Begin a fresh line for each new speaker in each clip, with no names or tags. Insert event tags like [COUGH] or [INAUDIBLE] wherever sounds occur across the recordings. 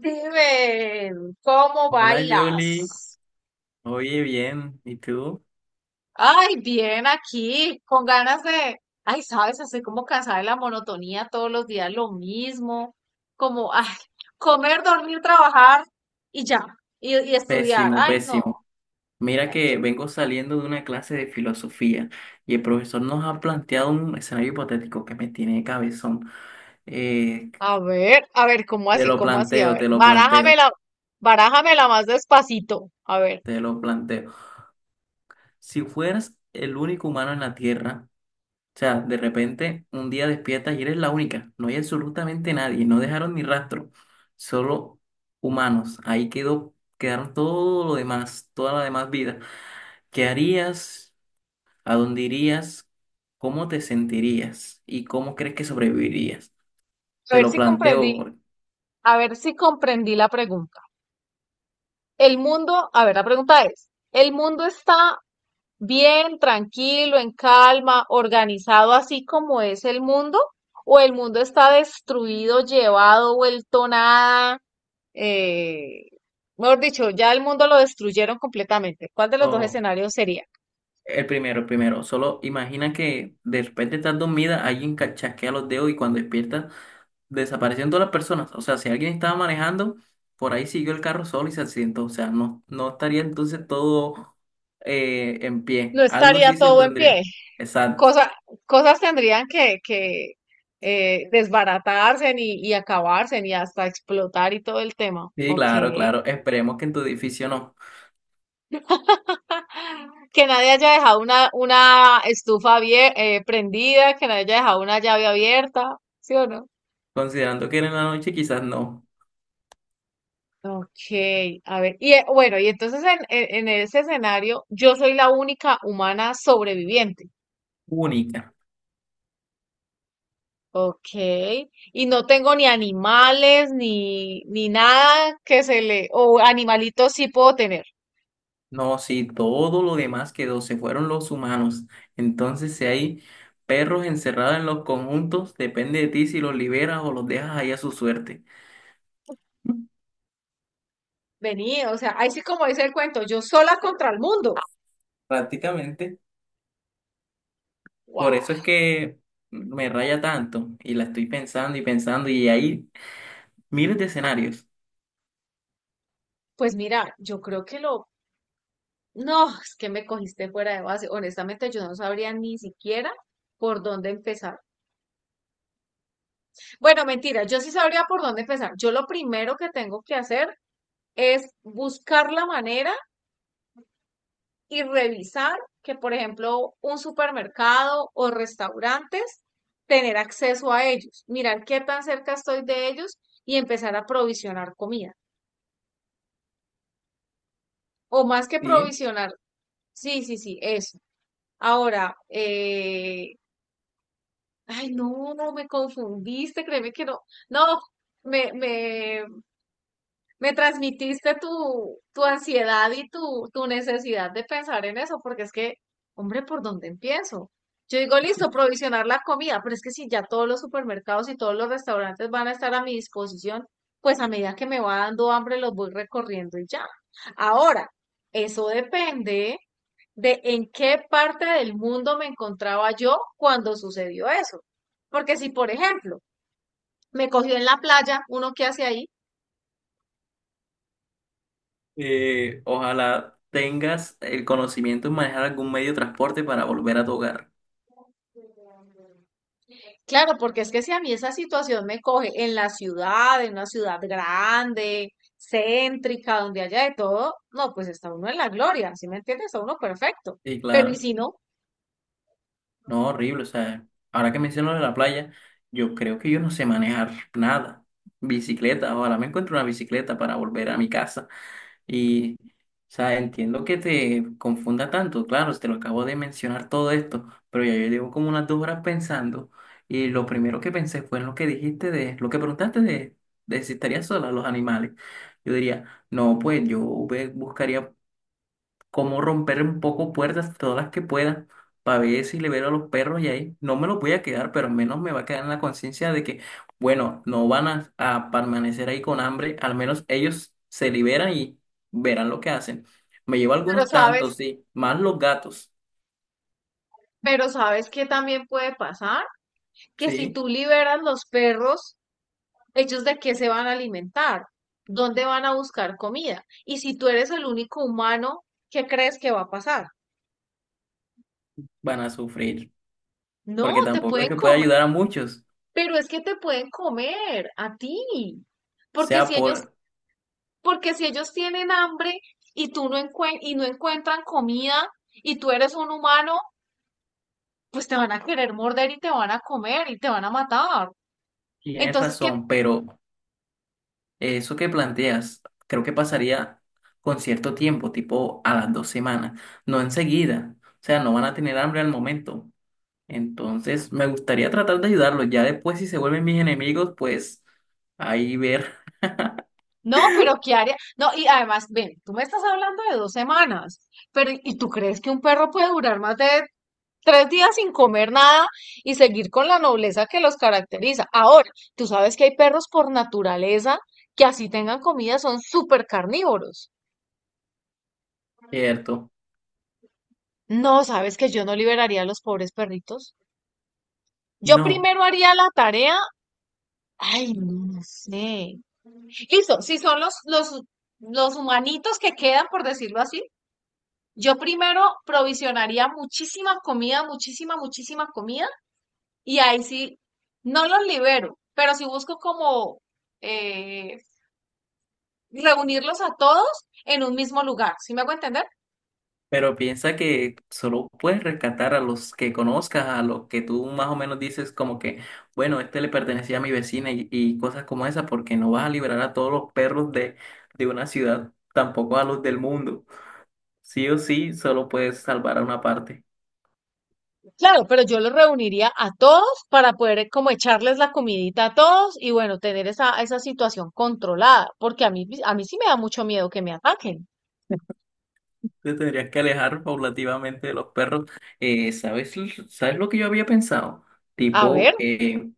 Steven, ¿cómo
Hola Julie,
bailas?
oye bien, ¿y tú?
Ay, bien aquí, con ganas de, ay, sabes, estoy como cansada de la monotonía, todos los días lo mismo, como, ay, comer, dormir, trabajar y ya, y estudiar.
Pésimo,
Ay, no,
pésimo. Mira
ay,
que
quiero.
vengo saliendo de una clase de filosofía y el profesor nos ha planteado un escenario hipotético que me tiene de cabezón. Eh,
A ver, ¿cómo
te
así?
lo
¿Cómo así? A
planteo,
ver,
te lo planteo,
barájamela, barájamela más despacito.
te lo planteo. Si fueras el único humano en la Tierra, o sea, de repente un día despiertas y eres la única, no hay absolutamente nadie, no dejaron ni rastro, solo humanos, ahí quedó, quedaron todo lo demás, toda la demás vida. ¿Qué harías? ¿A dónde irías? ¿Cómo te sentirías? ¿Y cómo crees que sobrevivirías?
A
Te
ver
lo
si comprendí,
planteo.
a ver si comprendí la pregunta. El mundo, a ver, la pregunta es, ¿el mundo está bien, tranquilo, en calma, organizado así como es el mundo, o el mundo está destruido, llevado, vuelto nada, eh, mejor dicho, ya el mundo lo destruyeron completamente? ¿Cuál de los dos
Oh,
escenarios sería?
el primero. Solo imagina que de repente estás dormida, alguien chasquea los dedos y cuando despiertas desaparecen todas las personas. O sea, si alguien estaba manejando, por ahí siguió el carro solo y se accidentó. O sea, no estaría entonces todo en
No
pie. Algo
estaría
sí se
todo en
tendría.
pie.
Exacto.
Cosa- Cosas tendrían que desbaratarse y acabarse y hasta explotar y todo el tema.
Sí,
Ok.
claro, claro. Esperemos que en tu edificio no.
[LAUGHS] Que nadie haya dejado una prendida, que nadie haya dejado una llave abierta, ¿sí o no?
Considerando que era en la noche, quizás no.
Ok, a ver, y bueno, y entonces en ese escenario yo soy la única humana sobreviviente.
Única.
Ok, y no tengo ni animales, ni, ni nada que se le, o animalitos sí puedo tener.
No, si todo lo demás quedó, se fueron los humanos. Entonces, si hay perros encerrados en los conjuntos, depende de ti si los liberas o los dejas ahí a su suerte.
Vení, o sea, ahí sí como dice el cuento, yo sola contra el mundo.
Prácticamente, por
Guau.
eso es que me raya tanto y la estoy pensando y pensando y hay miles de escenarios.
Pues mira, yo creo que lo. No, es que me cogiste fuera de base. Honestamente, yo no sabría ni siquiera por dónde empezar. Bueno, mentira, yo sí sabría por dónde empezar. Yo lo primero que tengo que hacer es buscar la manera y revisar que, por ejemplo, un supermercado o restaurantes, tener acceso a ellos, mirar qué tan cerca estoy de ellos y empezar a provisionar comida. O más que
Sí,
provisionar, sí, sí, sí, eso. Ahora, ay, no, no me confundiste, créeme que no. No, me, me, me transmitiste tu ansiedad y tu necesidad de pensar en eso, porque es que, hombre, ¿por dónde empiezo? Yo digo, listo, provisionar la comida, pero es que si ya todos los supermercados y todos los restaurantes van a estar a mi disposición, pues a medida que me va dando hambre los voy recorriendo y ya. Ahora, eso depende de en qué parte del mundo me encontraba yo cuando sucedió eso. Porque si, por ejemplo, me cogió en la playa, uno qué hace ahí,
ojalá tengas el conocimiento en manejar algún medio de transporte para volver a tu hogar.
claro, porque es que si a mí esa situación me coge en la ciudad, en una ciudad grande, céntrica, donde haya de todo, no, pues está uno en la gloria, ¿sí me entiendes? Está uno perfecto.
Sí,
Pero y
claro.
si no,
No, horrible. O sea, ahora que menciono de la playa, yo creo que yo no sé manejar nada. Bicicleta, ojalá me encuentre una bicicleta para volver a mi casa. Y, o sea, entiendo que te confunda tanto, claro, te lo acabo de mencionar todo esto, pero ya yo llevo como unas 2 horas pensando y lo primero que pensé fue en lo que dijiste de, lo que preguntaste de si estaría sola los animales. Yo diría, no, pues yo buscaría cómo romper un poco puertas, todas las que pueda, para ver si libero a los perros y ahí no me los voy a quedar, pero al menos me va a quedar en la conciencia de que, bueno, no van a permanecer ahí con hambre, al menos ellos se liberan y verán lo que hacen. Me llevo
pero
algunos tantos,
sabes,
sí, más los gatos,
pero sabes que también puede pasar, que si
sí,
tú liberas los perros, ¿ellos de qué se van a alimentar? ¿Dónde van a buscar comida? Y si tú eres el único humano, ¿qué crees que va a pasar?
van a sufrir,
No,
porque
te
tampoco es
pueden
que pueda
comer,
ayudar a muchos,
pero es que te pueden comer a ti. Porque
sea
si ellos,
por,
porque si ellos tienen hambre y tú no encuentran comida y tú eres un humano, pues te van a querer morder y te van a comer y te van a matar.
tienes
Entonces, ¿qué?
razón, pero... Eso que planteas, creo que pasaría con cierto tiempo, tipo a las 2 semanas, no enseguida. O sea, no van a tener hambre al momento. Entonces, me gustaría tratar de ayudarlos. Ya después, si se vuelven mis enemigos, pues ahí ver,
No, pero ¿qué haría? No, y además, ven, tú me estás hablando de dos semanas, pero ¿y tú crees que un perro puede durar más de tres días sin comer nada y seguir con la nobleza que los caracteriza? Ahora, tú sabes que hay perros por naturaleza que así tengan comida son súper carnívoros.
[LAUGHS] ¿cierto?
No, sabes que yo no liberaría a los pobres perritos. Yo
No,
primero haría la tarea. Ay, no, no sé. Listo, si son los humanitos que quedan, por decirlo así, yo primero provisionaría muchísima comida, muchísima, muchísima comida, y ahí sí, no los libero, pero sí busco como eh, reunirlos a todos en un mismo lugar, ¿sí me hago entender?
pero piensa que solo puedes rescatar a los que conozcas, a los que tú más o menos dices como que, bueno, este le pertenecía a mi vecina y cosas como esa, porque no vas a liberar a todos los perros de una ciudad, tampoco a los del mundo. Sí o sí, solo puedes salvar a una parte.
Claro, pero yo los reuniría a todos para poder como echarles la comidita a todos y bueno, tener esa situación controlada, porque a mí sí me da mucho miedo que me ataquen.
Te tendrías que alejar paulativamente de los perros. ¿Sabes, sabes lo que yo había pensado?
A ver.
Tipo,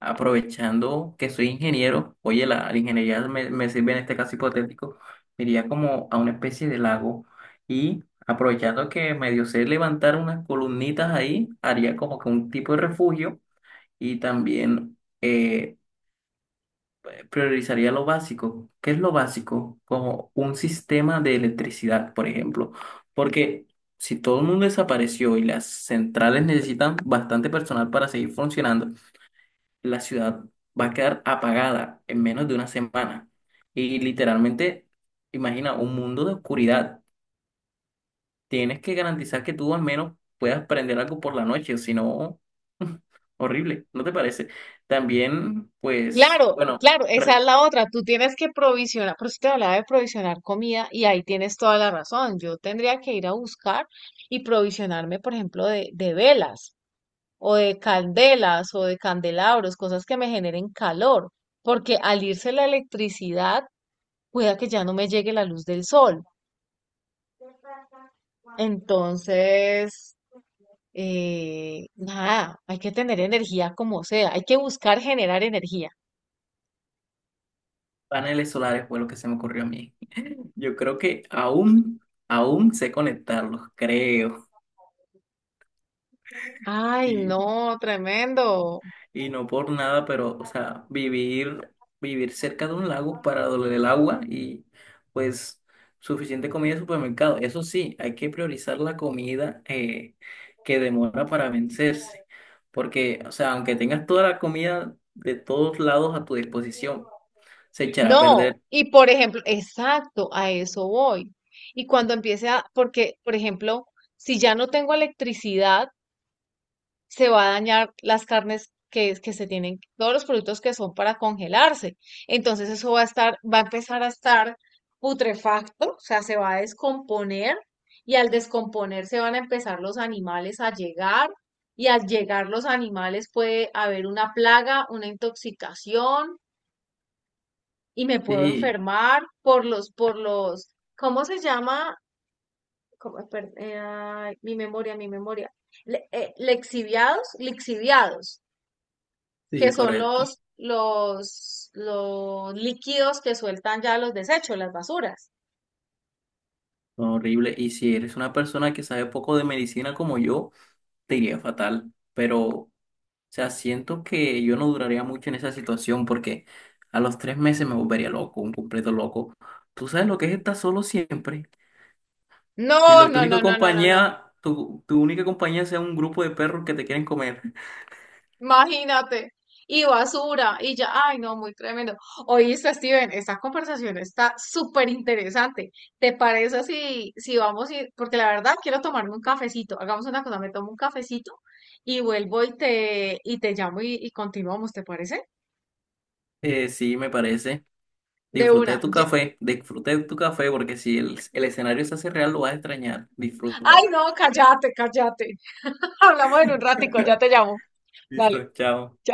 aprovechando que soy ingeniero, oye, la ingeniería me sirve en este caso hipotético, me iría como a una especie de lago y aprovechando que medio sé levantar unas columnitas ahí, haría como que un tipo de refugio y también... priorizaría lo básico. ¿Qué es lo básico? Como un sistema de electricidad, por ejemplo. Porque si todo el mundo desapareció y las centrales necesitan bastante personal para seguir funcionando, la ciudad va a quedar apagada en menos de 1 semana. Y literalmente, imagina un mundo de oscuridad. Tienes que garantizar que tú al menos puedas prender algo por la noche, o si no, [LAUGHS] horrible, ¿no te parece? También, pues,
Claro,
bueno.
claro, esa es la otra. Tú tienes que provisionar, por eso te hablaba de provisionar comida y ahí tienes toda la razón. Yo tendría que ir a buscar y provisionarme, por ejemplo, de velas o de candelas o de candelabros, cosas que me generen calor, porque al irse la electricidad, cuida que ya no me llegue la luz del sol. Entonces, nada, hay que tener energía como sea, hay que buscar generar energía.
Paneles solares fue lo que se me ocurrió a mí. Yo creo que aún sé conectarlos, creo.
Ay,
Y,
no, tremendo.
y no por nada, pero, o sea, vivir cerca de un lago para doler el agua y pues suficiente comida en supermercado. Eso sí, hay que priorizar la comida que demora para vencerse. Porque, o sea, aunque tengas toda la comida de todos lados a tu disposición, se echará a
No,
perder.
y por ejemplo, exacto, a eso voy. Y cuando empiece a, porque, por ejemplo, si ya no tengo electricidad, se va a dañar las carnes que se tienen, todos los productos que son para congelarse. Entonces eso va a estar, va a empezar a estar putrefacto, o sea, se va a descomponer y al descomponerse van a empezar los animales a llegar y al llegar los animales puede haber una plaga, una intoxicación y me puedo
Sí,
enfermar por ¿cómo se llama? ¿Cómo? Ay, mi memoria, mi memoria. Lixiviados que
sí,
son
correcto.
los líquidos que sueltan ya los desechos, las basuras.
Horrible. Y si eres una persona que sabe poco de medicina como yo, te iría fatal. Pero, o sea, siento que yo no duraría mucho en esa situación porque a los 3 meses me volvería loco, un completo loco. Tú sabes lo que es estar solo siempre. Y
No,
la tu
no,
única
no, no, no, no, no.
compañía, tu única compañía sea un grupo de perros que te quieren comer. [LAUGHS]
Imagínate. Y basura, y ya, ay, no, muy tremendo. Oíste, Steven, esta conversación está súper interesante. ¿Te parece si, si vamos a ir? Porque la verdad quiero tomarme un cafecito. Hagamos una cosa, me tomo un cafecito y vuelvo y te llamo y continuamos, ¿te parece?
Sí, me parece.
De
Disfruta de
una.
tu
Ya.
café, disfruta de tu café porque si el escenario se hace real, lo vas a extrañar.
Ay,
Disfrútalo.
no, cállate, cállate. [LAUGHS] Hablamos en un ratico, ya te
[LAUGHS]
llamo.
Listo,
Vale,
chao.
chao.